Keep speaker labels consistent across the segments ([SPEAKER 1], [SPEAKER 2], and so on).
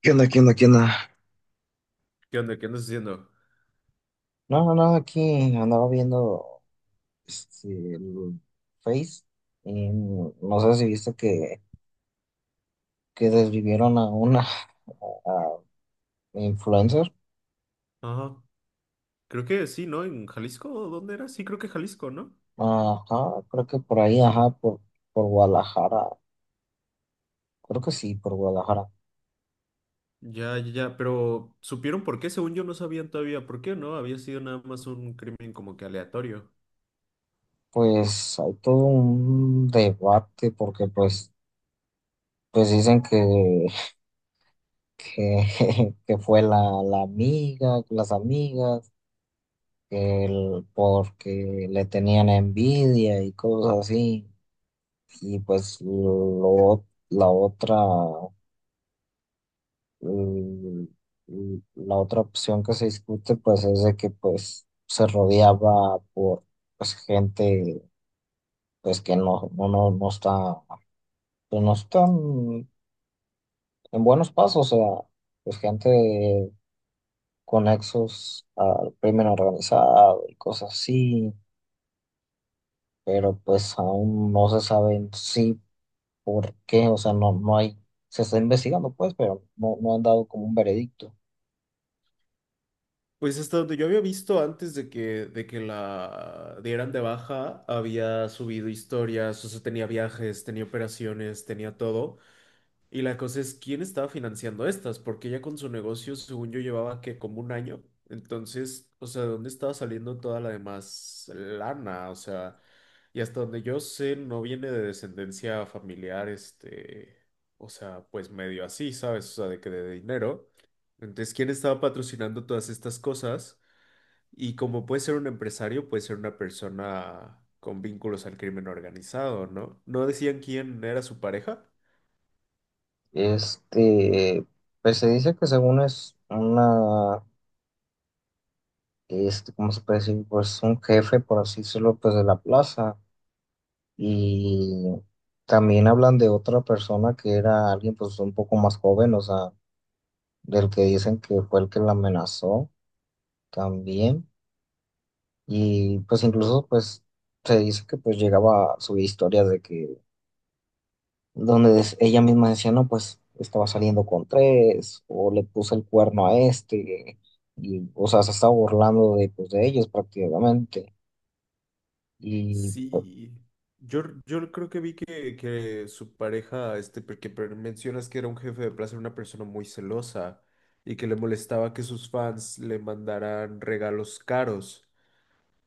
[SPEAKER 1] ¿Qué onda? ¿Qué onda? ¿Qué onda?
[SPEAKER 2] ¿Qué onda? ¿Qué ¿andas haciendo?
[SPEAKER 1] No, no, no, aquí andaba viendo este, el Face, y no sé si viste que desvivieron a una influencer.
[SPEAKER 2] Ajá. Creo que sí, ¿no? ¿En Jalisco? ¿Dónde era? Sí, creo que Jalisco, ¿no?
[SPEAKER 1] Ajá, creo que por ahí, ajá, por Guadalajara. Creo que sí, por Guadalajara.
[SPEAKER 2] Ya, ya, ya, pero ¿supieron por qué? Según yo no sabían todavía por qué, ¿no? Había sido nada más un crimen como que aleatorio.
[SPEAKER 1] Pues hay todo un debate porque pues dicen que, que fue la amiga, las amigas. Porque le tenían envidia y cosas así. Y pues lo, la otra, mm, la otra opción que se discute pues es de que pues se rodeaba por, pues, gente pues que no está, pues, no están en buenos pasos. O sea, pues gente con nexos al crimen organizado y cosas así, pero pues aún no se saben si por qué. O sea, no hay, se está investigando, pues, pero no han dado como un veredicto.
[SPEAKER 2] Pues hasta donde yo había visto antes de que la dieran de baja, había subido historias, o sea, tenía viajes, tenía operaciones, tenía todo. Y la cosa es, ¿quién estaba financiando estas? Porque ella con su negocio, según yo, llevaba que como un año. Entonces, o sea, ¿de dónde estaba saliendo toda la demás lana? O sea, y hasta donde yo sé, no viene de descendencia familiar, este, o sea, pues medio así, ¿sabes? O sea, de que de dinero. Entonces, ¿quién estaba patrocinando todas estas cosas? Y como puede ser un empresario, puede ser una persona con vínculos al crimen organizado, ¿no? ¿No decían quién era su pareja?
[SPEAKER 1] Este, pues se dice que según es una, ¿cómo se puede decir? Pues un jefe, por así decirlo, pues de la plaza. Y también hablan de otra persona que era alguien pues un poco más joven. O sea, del que dicen que fue el que la amenazó también. Y pues, incluso, pues se dice que pues llegaba a subir historias de que, donde ella misma decía: "No, pues estaba saliendo con tres", o "le puse el cuerno a este", y, o sea, se estaba burlando de, pues, de ellos prácticamente. Y
[SPEAKER 2] Sí, yo creo que vi que su pareja, este, mencionas que era un jefe de plaza, era una persona muy celosa y que le molestaba que sus fans le mandaran regalos caros.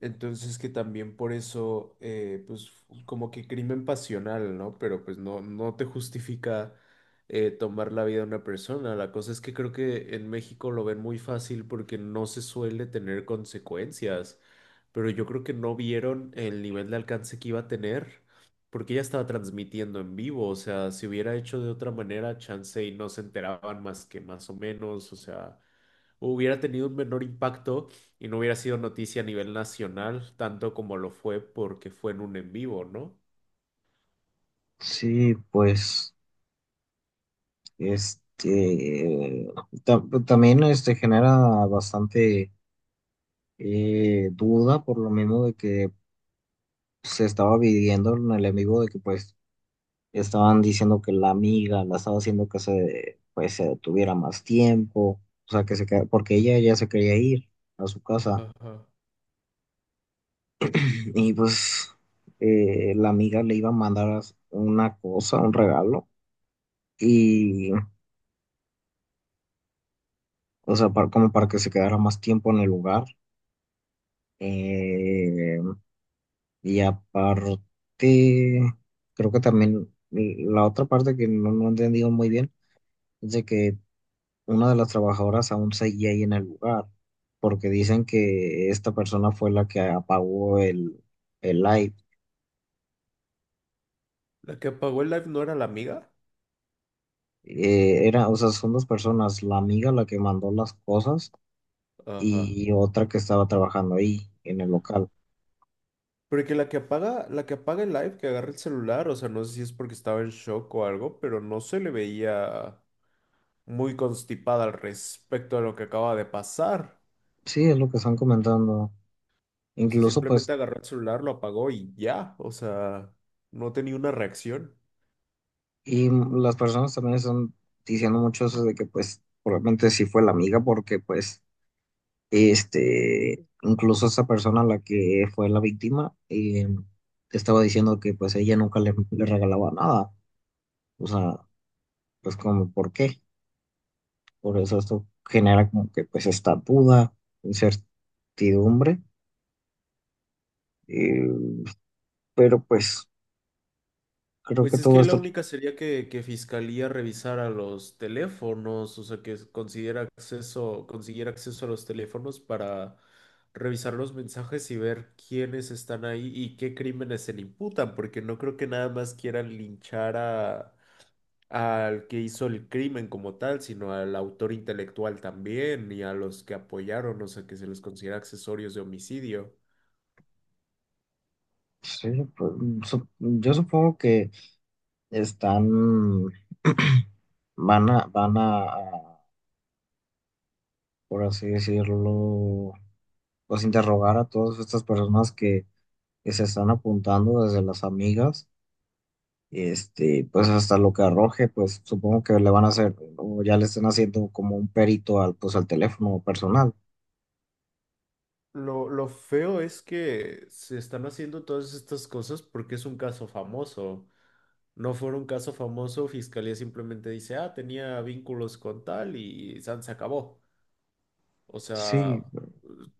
[SPEAKER 2] Entonces que también por eso, como que crimen pasional, ¿no? Pero pues no, no te justifica, tomar la vida de una persona. La cosa es que creo que en México lo ven muy fácil porque no se suele tener consecuencias. Pero yo creo que no vieron el nivel de alcance que iba a tener porque ella estaba transmitiendo en vivo. O sea, si hubiera hecho de otra manera, chance y no se enteraban más que más o menos. O sea, hubiera tenido un menor impacto y no hubiera sido noticia a nivel nacional, tanto como lo fue porque fue en un en vivo, ¿no?
[SPEAKER 1] sí, pues, este, también genera bastante duda, por lo mismo de que se estaba viviendo el enemigo de que, pues, estaban diciendo que la amiga la estaba haciendo que se detuviera más tiempo. O sea, que se queda, porque ella ya se quería ir a su casa.
[SPEAKER 2] Ajá.
[SPEAKER 1] Y pues, la amiga le iba a mandar una cosa, un regalo, y, o sea, como para que se quedara más tiempo en el lugar. Eh, y aparte, creo que también, la otra parte que no he entendido muy bien es de que una de las trabajadoras aún seguía ahí en el lugar, porque dicen que esta persona fue la que apagó el live.
[SPEAKER 2] La que apagó el live no era la amiga.
[SPEAKER 1] Era, o sea, son dos personas: la amiga, la que mandó las cosas,
[SPEAKER 2] Ajá.
[SPEAKER 1] y otra que estaba trabajando ahí en el local.
[SPEAKER 2] Porque la que apaga el live, que agarra el celular, o sea, no sé si es porque estaba en shock o algo, pero no se le veía muy constipada al respecto de lo que acaba de pasar.
[SPEAKER 1] Sí, es lo que están comentando.
[SPEAKER 2] O sea,
[SPEAKER 1] Incluso,
[SPEAKER 2] simplemente
[SPEAKER 1] pues,
[SPEAKER 2] agarró el celular, lo apagó y ya. O sea, no tenía una reacción.
[SPEAKER 1] y las personas también están diciendo mucho eso de que, pues, probablemente sí fue la amiga, porque, pues, incluso esa persona, la que fue la víctima, estaba diciendo que pues ella nunca le regalaba nada. O sea, pues, como, ¿por qué? Por eso esto genera como que pues esta duda, incertidumbre. eh, pero pues creo que
[SPEAKER 2] Pues es
[SPEAKER 1] todo
[SPEAKER 2] que la
[SPEAKER 1] esto,
[SPEAKER 2] única sería que Fiscalía revisara los teléfonos, o sea, que considera acceso, consiguiera acceso a los teléfonos para revisar los mensajes y ver quiénes están ahí y qué crímenes se le imputan, porque no creo que nada más quieran linchar al que hizo el crimen como tal, sino al autor intelectual también y a los que apoyaron, o sea, que se les considera accesorios de homicidio.
[SPEAKER 1] pues, sí, pues, yo supongo que están, van a, por así decirlo, pues interrogar a todas estas personas que se están apuntando, desde las amigas, pues hasta lo que arroje. Pues supongo que le van a hacer, o ya le están haciendo, como un perito al teléfono personal.
[SPEAKER 2] Lo feo es que se están haciendo todas estas cosas porque es un caso famoso. No fuera un caso famoso, Fiscalía simplemente dice, ah, tenía vínculos con tal y san se acabó. O
[SPEAKER 1] Sí,
[SPEAKER 2] sea,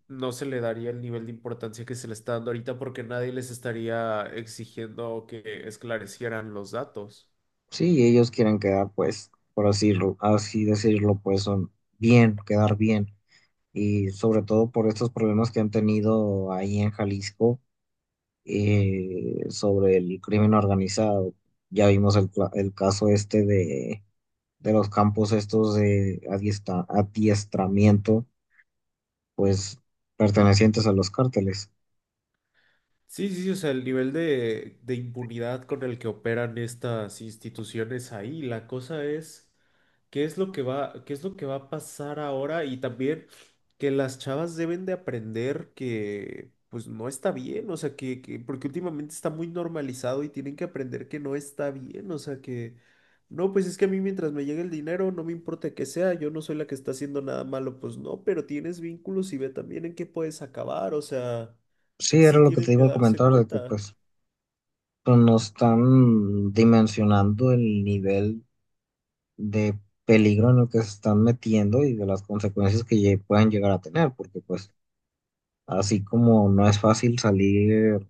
[SPEAKER 2] no se le daría el nivel de importancia que se le está dando ahorita porque nadie les estaría exigiendo que esclarecieran los datos.
[SPEAKER 1] sí, ellos quieren quedar, pues, por así decirlo, pues son, bien, quedar bien. Y sobre todo por estos problemas que han tenido ahí en Jalisco, sobre el crimen organizado. Ya vimos el caso este de los campos estos de adiestramiento, pues, pertenecientes a los cárteles.
[SPEAKER 2] Sí, sí, sí, o sea, el nivel de impunidad con el que operan estas instituciones ahí, la cosa es qué es lo que va a pasar ahora y también que las chavas deben de aprender que pues no está bien, o sea, que porque últimamente está muy normalizado y tienen que aprender que no está bien, o sea, que no, pues es que a mí mientras me llegue el dinero, no me importa que sea, yo no soy la que está haciendo nada malo, pues no, pero tienes vínculos y ve también en qué puedes acabar, o sea...
[SPEAKER 1] Sí, era
[SPEAKER 2] Sí
[SPEAKER 1] lo que
[SPEAKER 2] tienen
[SPEAKER 1] te
[SPEAKER 2] que
[SPEAKER 1] iba a
[SPEAKER 2] darse
[SPEAKER 1] comentar, de que
[SPEAKER 2] cuenta.
[SPEAKER 1] pues no están dimensionando el nivel de peligro en el que se están metiendo, y de las consecuencias que pueden llegar a tener, porque pues así como no es fácil salir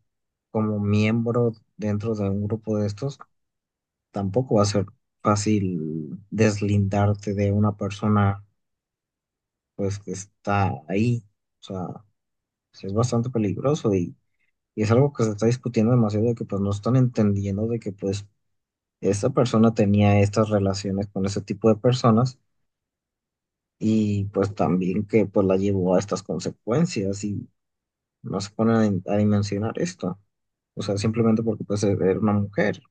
[SPEAKER 1] como miembro dentro de un grupo de estos, tampoco va a ser fácil deslindarte de una persona, pues, que está ahí. O sea, sí es bastante peligroso, y es algo que se está discutiendo demasiado, de que pues no están entendiendo de que pues esta persona tenía estas relaciones con ese tipo de personas, y pues también que, pues, la llevó a estas consecuencias, y no se ponen a dimensionar esto. O sea, simplemente porque pues era una mujer.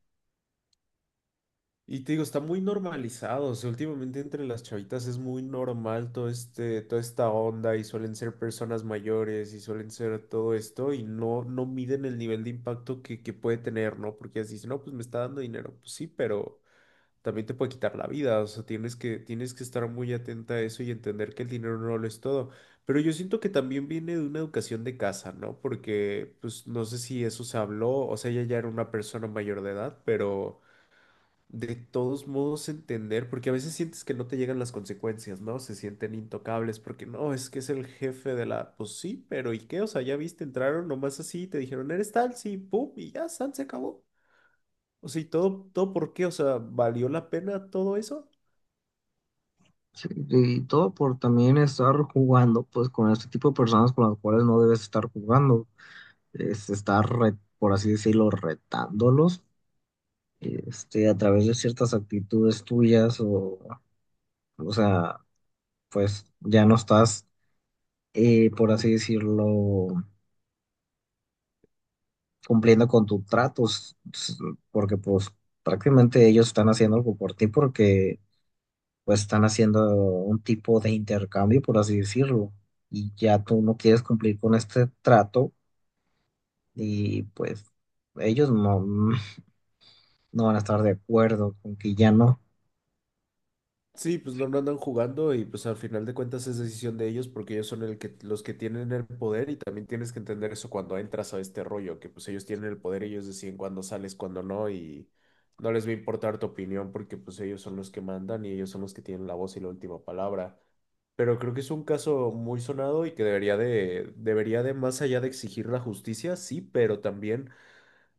[SPEAKER 2] Y te digo, está muy normalizado. O sea, últimamente entre las chavitas es muy normal todo este, toda esta onda y suelen ser personas mayores y suelen ser todo esto y no, no miden el nivel de impacto que puede tener, ¿no? Porque ellas dicen, no, pues me está dando dinero. Pues sí, pero también te puede quitar la vida, o sea, tienes que estar muy atenta a eso y entender que el dinero no lo es todo. Pero yo siento que también viene de una educación de casa, ¿no? Porque, pues, no sé si eso se habló, o sea, ella ya era una persona mayor de edad, pero de todos modos entender, porque a veces sientes que no te llegan las consecuencias, ¿no? Se sienten intocables, porque no, es que es el jefe de la, pues sí, pero ¿y qué? O sea, ya viste, entraron nomás así, te dijeron, eres tal, sí, pum, y ya, san, se acabó. O sea, ¿y todo, todo por qué? O sea, ¿valió la pena todo eso?
[SPEAKER 1] Sí, y todo por también estar jugando, pues, con este tipo de personas con las cuales no debes estar jugando. Es estar, por así decirlo, retándolos, a través de ciertas actitudes tuyas, o sea, pues ya no estás, por así decirlo, cumpliendo con tus tratos, porque pues prácticamente ellos están haciendo algo por ti, porque pues están haciendo un tipo de intercambio, por así decirlo, y ya tú no quieres cumplir con este trato, y pues ellos no van a estar de acuerdo con que ya no.
[SPEAKER 2] Sí, pues no, no andan jugando y pues al final de cuentas es decisión de ellos porque ellos son el que, los que tienen el poder y también tienes que entender eso cuando entras a este rollo, que pues ellos tienen el poder, ellos deciden cuándo sales, cuándo no y no les va a importar tu opinión porque pues ellos son los que mandan y ellos son los que tienen la voz y la última palabra. Pero creo que es un caso muy sonado y que debería de, más allá de exigir la justicia, sí, pero también,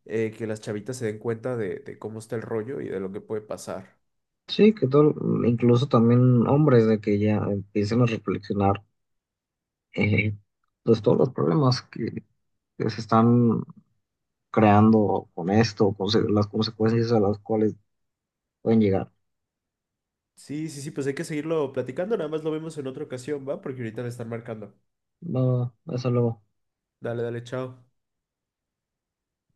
[SPEAKER 2] que las chavitas se den cuenta de cómo está el rollo y de lo que puede pasar.
[SPEAKER 1] Sí, que todo, incluso también hombres, de que ya empiecen a reflexionar, eh, pues todos los problemas que se están creando con esto, con las consecuencias a las cuales pueden llegar.
[SPEAKER 2] Sí, sí, sí, pues hay que seguirlo platicando, nada más lo vemos en otra ocasión, ¿va? Porque ahorita me están marcando.
[SPEAKER 1] Va, va, hasta luego.
[SPEAKER 2] Dale, dale, chao.